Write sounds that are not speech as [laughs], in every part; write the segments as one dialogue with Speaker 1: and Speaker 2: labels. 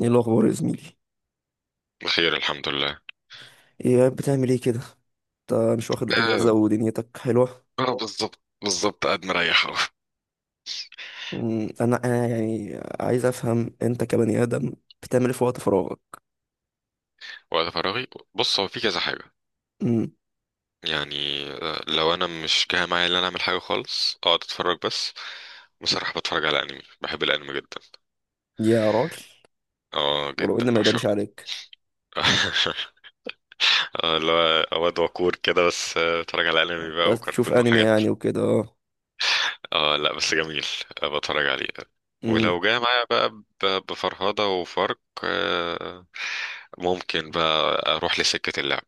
Speaker 1: ايه الاخبار يا زميلي؟
Speaker 2: بخير الحمد لله.
Speaker 1: ايه قاعد بتعمل ايه كده؟ انت مش واخد اجازه
Speaker 2: آه.
Speaker 1: ودنيتك حلوه.
Speaker 2: آه، بالظبط بالظبط قاعد مريح أهو.
Speaker 1: انا يعني عايز افهم انت كبني ادم بتعمل ايه في وقت فراغك؟
Speaker 2: وقت فراغي. بص، هو في كذا حاجة.
Speaker 1: أمم.
Speaker 2: يعني لو أنا مش جاي معايا إن أنا أعمل حاجة خالص، أقعد أتفرج بس. بصراحة بتفرج على أنمي، بحب الأنمي جدا.
Speaker 1: يا راجل،
Speaker 2: اه
Speaker 1: ولو
Speaker 2: جدا
Speaker 1: ان ما يبانش
Speaker 2: بعشقه.
Speaker 1: عليك.
Speaker 2: [laughs] اه، اللي هو واد وكور كده، بس بتفرج على
Speaker 1: آه،
Speaker 2: أنمي
Speaker 1: لا
Speaker 2: بقى
Speaker 1: تشوف
Speaker 2: وكركون
Speaker 1: انمي
Speaker 2: وحاجات.
Speaker 1: يعني وكده اه.
Speaker 2: اه لا، بس جميل. بتفرج عليه.
Speaker 1: امم.
Speaker 2: ولو جاي معايا بقى بفرهدة وفرق، ممكن بقى أروح لسكة اللعب.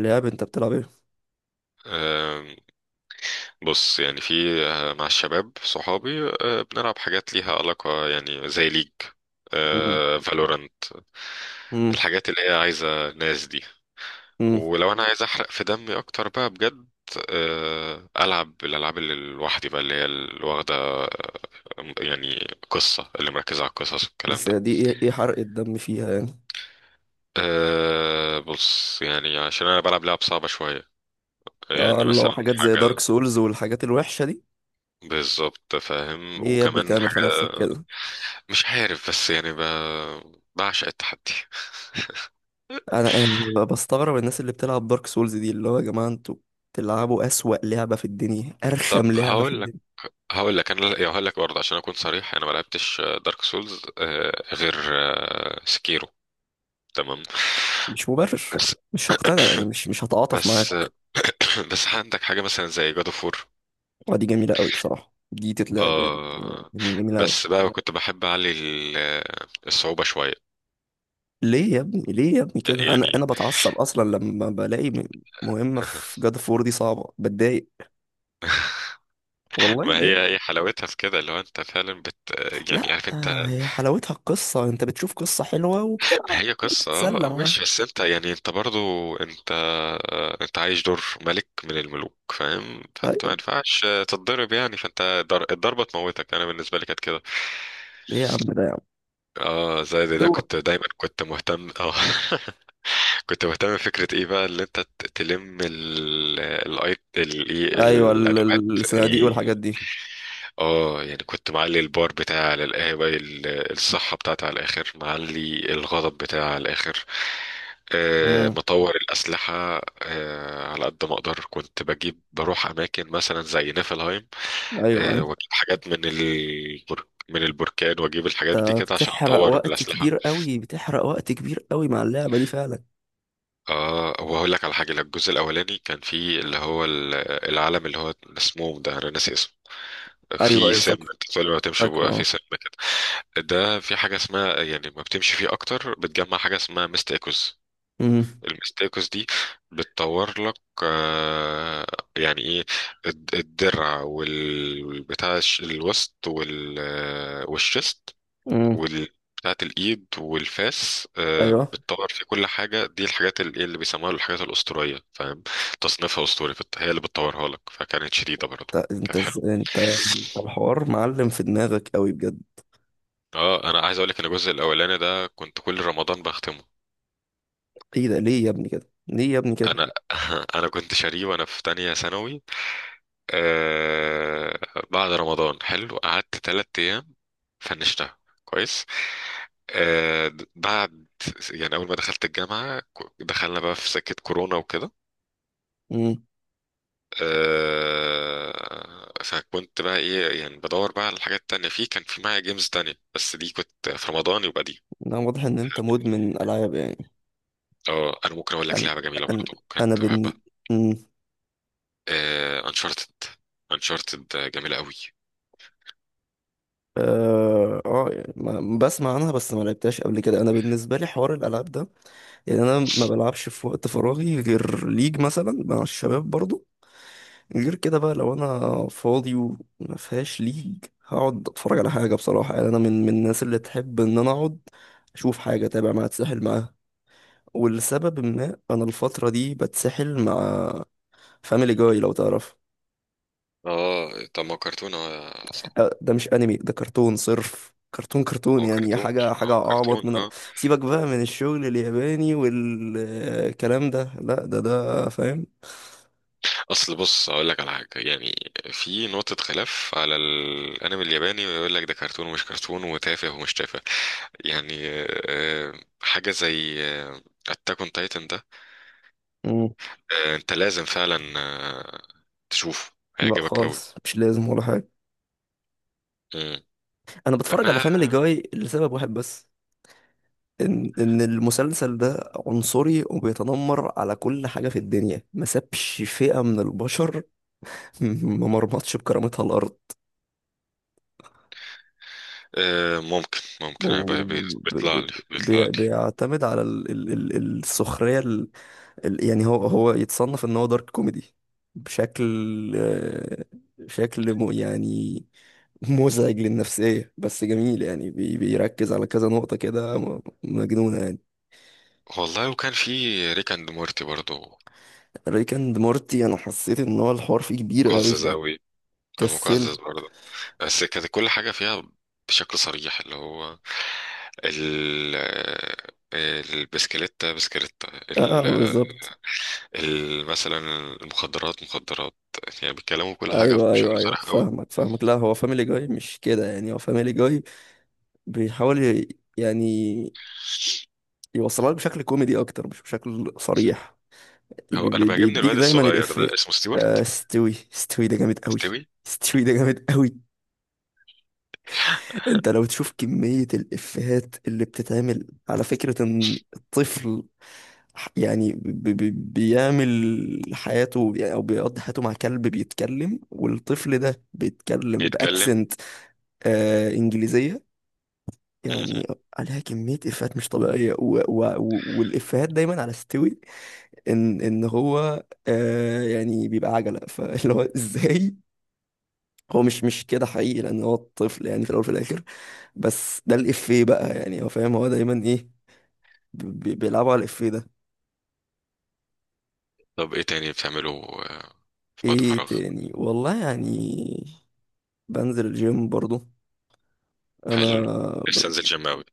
Speaker 1: لعب، انت بتلعب ايه؟
Speaker 2: آم، بص يعني في، مع الشباب صحابي، بنلعب حاجات ليها علاقة، يعني زي ليج،
Speaker 1: أمم،
Speaker 2: فالورانت،
Speaker 1: أمم،
Speaker 2: الحاجات اللي هي عايزة ناس دي.
Speaker 1: أمم.
Speaker 2: ولو أنا عايز أحرق في دمي أكتر بقى بجد، ألعب الألعاب اللي لوحدي بقى، اللي هي اللي واخدة يعني قصة، اللي مركزة على القصص والكلام
Speaker 1: بس
Speaker 2: ده.
Speaker 1: دي ايه ايه حرق الدم فيها يعني؟
Speaker 2: أه بص يعني، عشان أنا بلعب لعب صعبة شوية،
Speaker 1: آه،
Speaker 2: يعني
Speaker 1: الله،
Speaker 2: مثلا
Speaker 1: حاجات زي دارك
Speaker 2: حاجة.
Speaker 1: سولز والحاجات الوحشه دي.
Speaker 2: بالظبط فاهم،
Speaker 1: ليه يا ابني
Speaker 2: وكمان
Speaker 1: تعمل في
Speaker 2: حاجة
Speaker 1: نفسك كده؟
Speaker 2: مش عارف، بس يعني بعشق التحدي.
Speaker 1: انا يعني بستغرب الناس اللي بتلعب دارك سولز دي، اللي هو يا جماعه انتوا بتلعبوا اسوأ لعبه في الدنيا،
Speaker 2: طب
Speaker 1: ارخم لعبه في
Speaker 2: هقول لك،
Speaker 1: الدنيا.
Speaker 2: انا يعني هقول لك برضه عشان اكون صريح، انا ما لعبتش دارك سولز غير سكيرو، تمام.
Speaker 1: مش مبرر،
Speaker 2: بس،
Speaker 1: مش هقتنع يعني، مش هتعاطف
Speaker 2: بس
Speaker 1: معاك.
Speaker 2: [coughs] بس عندك حاجه مثلا زي جاد اوف وور،
Speaker 1: ودي جميله قوي بصراحه، دي تتلعب يعني.
Speaker 2: آه.
Speaker 1: يعني جميله قوي.
Speaker 2: بس بقى كنت بحب اعلي الصعوبه شويه
Speaker 1: ليه يا ابني، ليه يا ابني كده؟ انا
Speaker 2: يعني.
Speaker 1: انا بتعصب اصلا لما بلاقي مهمه في
Speaker 2: [laughs]
Speaker 1: جاد فور دي صعبه، بتضايق. والله
Speaker 2: ما
Speaker 1: بجد.
Speaker 2: هي، هي حلاوتها في كده، اللي هو انت فعلا يعني،
Speaker 1: لا
Speaker 2: عارف انت.
Speaker 1: آه، هي حلاوتها القصه، انت بتشوف قصه حلوه وبتلعب
Speaker 2: هي قصة اه،
Speaker 1: بتتسلى معاها.
Speaker 2: ماشي، بس انت يعني، انت برضو انت، انت عايش دور ملك من الملوك، فاهم، فانت
Speaker 1: ايوه.
Speaker 2: ما ينفعش تتضرب يعني، فانت الضربة تموتك. انا بالنسبة لي كانت كده.
Speaker 1: ايه يا عم ده، يا
Speaker 2: اه زي ده، انا
Speaker 1: عم.
Speaker 2: كنت دايما كنت مهتم اه. [laughs] كنت مهتم بفكرة ايه بقى، اللي انت تلم الاي إيه،
Speaker 1: ايوه،
Speaker 2: الادوات.
Speaker 1: الصناديق والحاجات دي.
Speaker 2: اه يعني كنت معلي البار بتاعي على القهوة، الصحة بتاعتي على الآخر، معلي الغضب بتاعي على الآخر،
Speaker 1: امم.
Speaker 2: مطور الأسلحة على قد ما أقدر. كنت بجيب بروح أماكن مثلا زي نيفلهايم،
Speaker 1: ايوه ايوه،
Speaker 2: وأجيب حاجات من البرك، من البركان، وأجيب الحاجات دي
Speaker 1: انت
Speaker 2: كده عشان
Speaker 1: بتحرق
Speaker 2: أطور
Speaker 1: وقت
Speaker 2: الأسلحة.
Speaker 1: كبير قوي، بتحرق وقت كبير قوي مع اللعبه دي فعلا.
Speaker 2: اه وهقول لك على حاجة، الجزء الأولاني كان فيه اللي هو العلم، اللي هو اسمه ده أنا ناسي،
Speaker 1: ايوه
Speaker 2: في
Speaker 1: ايوه
Speaker 2: سم،
Speaker 1: فاكره،
Speaker 2: انت كل ما بتمشي
Speaker 1: فاكره
Speaker 2: بيبقى
Speaker 1: اه.
Speaker 2: في سم كده. ده في حاجه اسمها، يعني ما بتمشي فيه اكتر بتجمع حاجه اسمها مستيكوز.
Speaker 1: أمم،
Speaker 2: المستيكوز دي بتطور لك آه، يعني ايه، الدرع، والبتاع الوسط، والشست،
Speaker 1: امم.
Speaker 2: وال بتاعت الايد والفاس،
Speaker 1: ايوه.
Speaker 2: بتطور في كل حاجه، دي الحاجات اللي بيسموها الحاجات الاسطوريه، فاهم، تصنيفها اسطوري، هي اللي بتطورها لك، فكانت شديده برضه،
Speaker 1: انت
Speaker 2: كانت حلوه.
Speaker 1: انت، أنت الحوار معلم في دماغك قوي بجد.
Speaker 2: اه انا عايز اقول لك ان الجزء الاولاني ده كنت كل رمضان بختمه.
Speaker 1: ايه ده؟ ليه يا ابني كده، ليه يا ابني كده؟
Speaker 2: انا [laughs] انا كنت شاريه وانا في تانية ثانوي. آه، بعد رمضان حلو قعدت تلات ايام فنشتها، كويس. بعد يعني، اول ما دخلت الجامعة دخلنا بقى في سكة كورونا وكده.
Speaker 1: امم.
Speaker 2: آه فكنت بقى ايه، يعني بدور بقى على الحاجات التانية، في كان في معايا جيمز تانية، بس دي كنت في رمضان يبقى دي.
Speaker 1: لا، واضح ان انت مدمن العاب يعني.
Speaker 2: اه انا ممكن اقول لك
Speaker 1: انا
Speaker 2: لعبة جميلة
Speaker 1: انا
Speaker 2: برضه
Speaker 1: انا
Speaker 2: كنت
Speaker 1: بن...
Speaker 2: بحبها: انشارتد. انشارتد جميلة قوي.
Speaker 1: اه يعني بسمع عنها، بس ما لعبتهاش قبل كده. انا بالنسبه لي حوار الالعاب ده، يعني انا ما بلعبش في وقت فراغي غير ليج مثلا مع الشباب برضو. غير كده بقى، لو انا فاضي وما فيهاش ليج، هقعد اتفرج على حاجه بصراحه. يعني انا من الناس اللي تحب ان انا اقعد اشوف حاجه، اتابع معاها، اتسحل معاها. ولسبب ما انا الفتره دي بتسحل مع فاميلي جاي، لو تعرف.
Speaker 2: اه طب ما هو كرتون، اه صح.
Speaker 1: آه، ده مش انمي، ده كرتون صرف. كرتون
Speaker 2: ما
Speaker 1: كرتون
Speaker 2: هو
Speaker 1: يعني،
Speaker 2: كرتون،
Speaker 1: حاجة حاجة
Speaker 2: ما هو
Speaker 1: أعبط
Speaker 2: كرتون
Speaker 1: من
Speaker 2: اه.
Speaker 1: سيبك بقى من الشغل الياباني والكلام ده. لا، ده فاهم.
Speaker 2: اصل بص اقول لك على حاجه يعني، في نقطه خلاف على الانمي الياباني، ويقول لك ده كرتون ومش كرتون، وتافه ومش تافه، يعني آه، حاجه زي اتاك اون تايتن ده،
Speaker 1: مم.
Speaker 2: انت لازم فعلا تشوفه،
Speaker 1: لا
Speaker 2: هيعجبك قوي.
Speaker 1: خالص، مش لازم ولا حاجة.
Speaker 2: مم.
Speaker 1: أنا بتفرج
Speaker 2: ما
Speaker 1: على فاميلي جاي لسبب واحد بس، إن المسلسل ده عنصري وبيتنمر على كل حاجة في الدنيا، ما سابش فئة من البشر، [laughs] ما مرمطش بكرامتها الأرض.
Speaker 2: ممكن ممكن أنا، بيطلع لي، بيطلع لي.
Speaker 1: وبيعتمد على السخرية، يعني هو، هو يتصنف ان هو دارك كوميدي. بشكل، آه، شكل يعني مزعج للنفسية بس جميل. يعني بيركز على كذا نقطة كده، مجنونة يعني.
Speaker 2: والله، وكان في ريك اند مورتي برضه.
Speaker 1: ريك اند مورتي، انا حسيت ان هو الحوار فيه كبير قوي،
Speaker 2: مقزز أوي. كان
Speaker 1: فكسلت.
Speaker 2: مقزز برضه، بس كانت كل حاجة فيها بشكل صريح، اللي هو ال البسكليتة بسكليتة
Speaker 1: اه آه، بالظبط.
Speaker 2: مثلا، المخدرات مخدرات، يعني بيتكلموا كل حاجة
Speaker 1: ايوه ايوه
Speaker 2: بشكل
Speaker 1: ايوه،
Speaker 2: صريح أوي.
Speaker 1: فاهمك فاهمك. لا، هو فاميلي جاي مش كده، يعني هو فاميلي جاي بيحاول يعني يوصلها لك بشكل كوميدي اكتر، مش بشكل صريح.
Speaker 2: هو أنا بيعجبني
Speaker 1: بيديك
Speaker 2: الواد
Speaker 1: دايما
Speaker 2: الصغير ده
Speaker 1: الإفيه.
Speaker 2: اسمه
Speaker 1: آه،
Speaker 2: ستيوارت،
Speaker 1: استوي، استوي ده جامد قوي.
Speaker 2: ستيوي.
Speaker 1: استوي ده جامد قوي. انت لو تشوف كمية الإفيهات اللي بتتعمل على فكرة ان الطفل، يعني بيعمل حياته، يعني او بيقضي حياته مع كلب بيتكلم، والطفل ده بيتكلم
Speaker 2: بيتكلم
Speaker 1: باكسنت انجليزية
Speaker 2: م- م.
Speaker 1: يعني. عليها كمية إفيهات مش طبيعية، والإفيهات دايما على استوي، ان هو يعني بيبقى عجله، فاللي هو [laughs] ازاي. هو مش كده حقيقي، لان هو طفل يعني في الاول وفي الاخر. بس ده الافيه بقى، يعني هو فاهم هو دايما ايه، بيلعبوا على الافيه ده.
Speaker 2: طب إيه تاني بتعمله آه، في وقت
Speaker 1: ايه
Speaker 2: فراغ.
Speaker 1: تاني والله يعني، بنزل الجيم برضو. انا
Speaker 2: حلو،
Speaker 1: ب...
Speaker 2: لسه أنزل جيم أوي.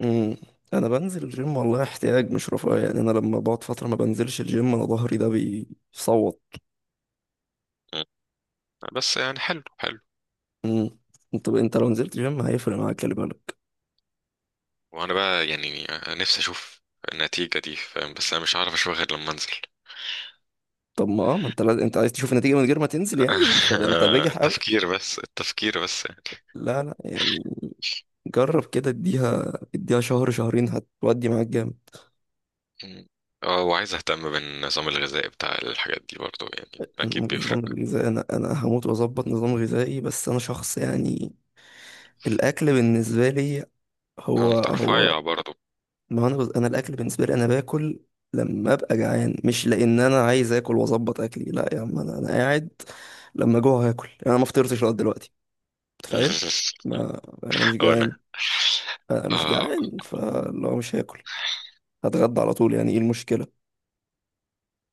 Speaker 1: مم. انا بنزل الجيم والله، احتياج مش رفاهية. يعني انا لما بقعد فتره ما بنزلش الجيم انا ظهري ده بيصوت.
Speaker 2: م. بس يعني حلو، حلو.
Speaker 1: مم. انت لو نزلت جيم هيفرق معاك، خلي بالك.
Speaker 2: وانا بقى يعني نفسي اشوف النتيجة دي، فاهم، بس انا مش هعرف اشوفها غير لما انزل.
Speaker 1: طب ما انت لازم، انت عايز تشوف النتيجة من غير ما تنزل يعني؟ ده انت
Speaker 2: [laughs]
Speaker 1: ده انت بجح قوي.
Speaker 2: التفكير بس، التفكير بس
Speaker 1: لا لا، يعني جرب كده، اديها اديها شهر شهرين هتودي معاك جامد.
Speaker 2: يعني. اه وعايز اهتم بالنظام الغذائي بتاع الحاجات دي برضو، يعني اكيد
Speaker 1: النظام
Speaker 2: بيفرق.
Speaker 1: الغذائي، انا هموت واظبط نظام غذائي، بس انا شخص يعني، الاكل بالنسبة لي هو
Speaker 2: انت
Speaker 1: هو
Speaker 2: رفيع برضو.
Speaker 1: ما انا بز... انا الاكل بالنسبة لي انا باكل لما ابقى جعان، مش لان انا عايز اكل واظبط اكلي. لا يا عم، انا قاعد لما جوع هاكل، يعني انا ما فطرتش لغايه دلوقتي، متخيل؟
Speaker 2: [laughs]
Speaker 1: ما انا مش
Speaker 2: وانا
Speaker 1: جعان. انا مش
Speaker 2: اه.
Speaker 1: جعان، فلو مش هاكل هتغدى على طول، يعني ايه المشكله؟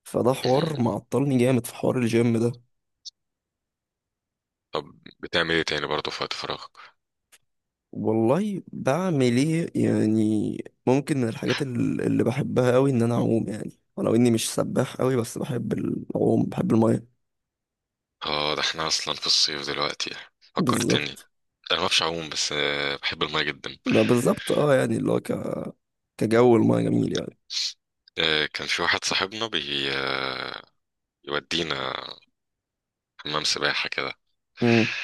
Speaker 1: فده
Speaker 2: مم.
Speaker 1: حوار معطلني جامد في حوار الجيم ده.
Speaker 2: طب بتعمل ايه تاني برضو في وقت فراغك.
Speaker 1: والله بعمل ايه يعني؟ ممكن من الحاجات اللي بحبها قوي ان انا اعوم، يعني ولو اني مش سباح قوي بس بحب العوم، بحب الميه.
Speaker 2: اه، ده احنا اصلا في الصيف دلوقتي، فكرتني انا.
Speaker 1: بالظبط.
Speaker 2: ما بعرفش اعوم، بس بحب الماء جدا.
Speaker 1: ما بالظبط اه، يعني اللي هو كجو الميه جميل يعني.
Speaker 2: كان في واحد صاحبنا بي آه، يودينا حمام سباحة كده.
Speaker 1: امم.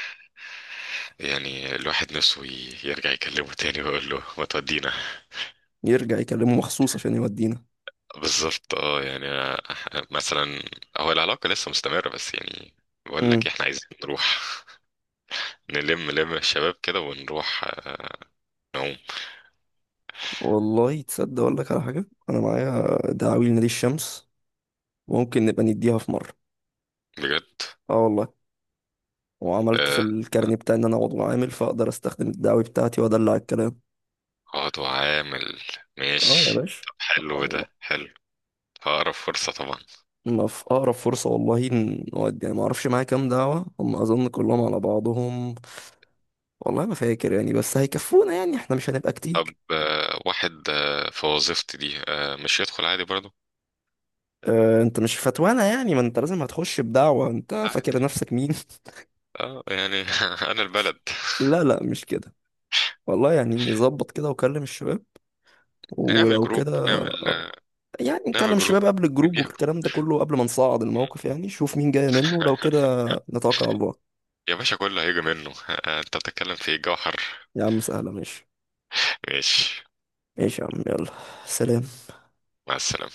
Speaker 2: يعني الواحد نفسه يرجع يكلمه تاني ويقول له ما تودينا.
Speaker 1: يرجع يكلمه مخصوص عشان يودينا.
Speaker 2: بالظبط اه، يعني أنا مثلا، هو العلاقة لسه مستمرة بس يعني، بقول لك
Speaker 1: امم.
Speaker 2: احنا عايزين نروح نلم لم الشباب كده، ونروح نعوم.
Speaker 1: والله تصدق، اقول لك على حاجه، انا معايا دعاوي لنادي الشمس، ممكن نبقى نديها في مره.
Speaker 2: بجد.
Speaker 1: اه والله. وعملت في
Speaker 2: آه، آه،
Speaker 1: الكارني بتاعي ان انا عضو عامل، فاقدر استخدم الدعوي بتاعتي وادلع الكلام.
Speaker 2: اقعد وعامل،
Speaker 1: اه يا
Speaker 2: ماشي.
Speaker 1: باشا.
Speaker 2: طب حلو،
Speaker 1: الله.
Speaker 2: ده حلو. هقرب فرصة طبعا.
Speaker 1: ما في اقرب فرصه والله. نودي يعني، ما اعرفش معايا كام دعوه، هم اظن كلهم على بعضهم، والله ما فاكر يعني، بس هيكفونا يعني، احنا مش هنبقى
Speaker 2: طب
Speaker 1: كتير.
Speaker 2: واحد في وظيفتي دي مش يدخل عادي برضه.
Speaker 1: اه، انت مش فتوانه يعني، ما انت لازم هتخش بدعوه، انت فاكر
Speaker 2: عادي،
Speaker 1: نفسك مين؟
Speaker 2: اه يعني. [laughs] انا البلد.
Speaker 1: [laughs] لا لا، مش كده والله، يعني ظبط كده وكلم الشباب
Speaker 2: نعمل
Speaker 1: ولو
Speaker 2: جروب،
Speaker 1: كده، يعني نكلم
Speaker 2: نعمل جروب،
Speaker 1: الشباب قبل الجروب
Speaker 2: نديها جروب.
Speaker 1: والكلام ده كله قبل ما نصعد الموقف، يعني شوف مين جاي منه لو
Speaker 2: [laughs]
Speaker 1: كده. نتوكل على الله.
Speaker 2: يا باشا، كله هيجي منه. [laughs] انت بتتكلم في إيه؟ جوهر.
Speaker 1: يا عم سهلة، ماشي.
Speaker 2: ماشي.
Speaker 1: ماشي يا عم، يلا. سلام.
Speaker 2: مع السلامة.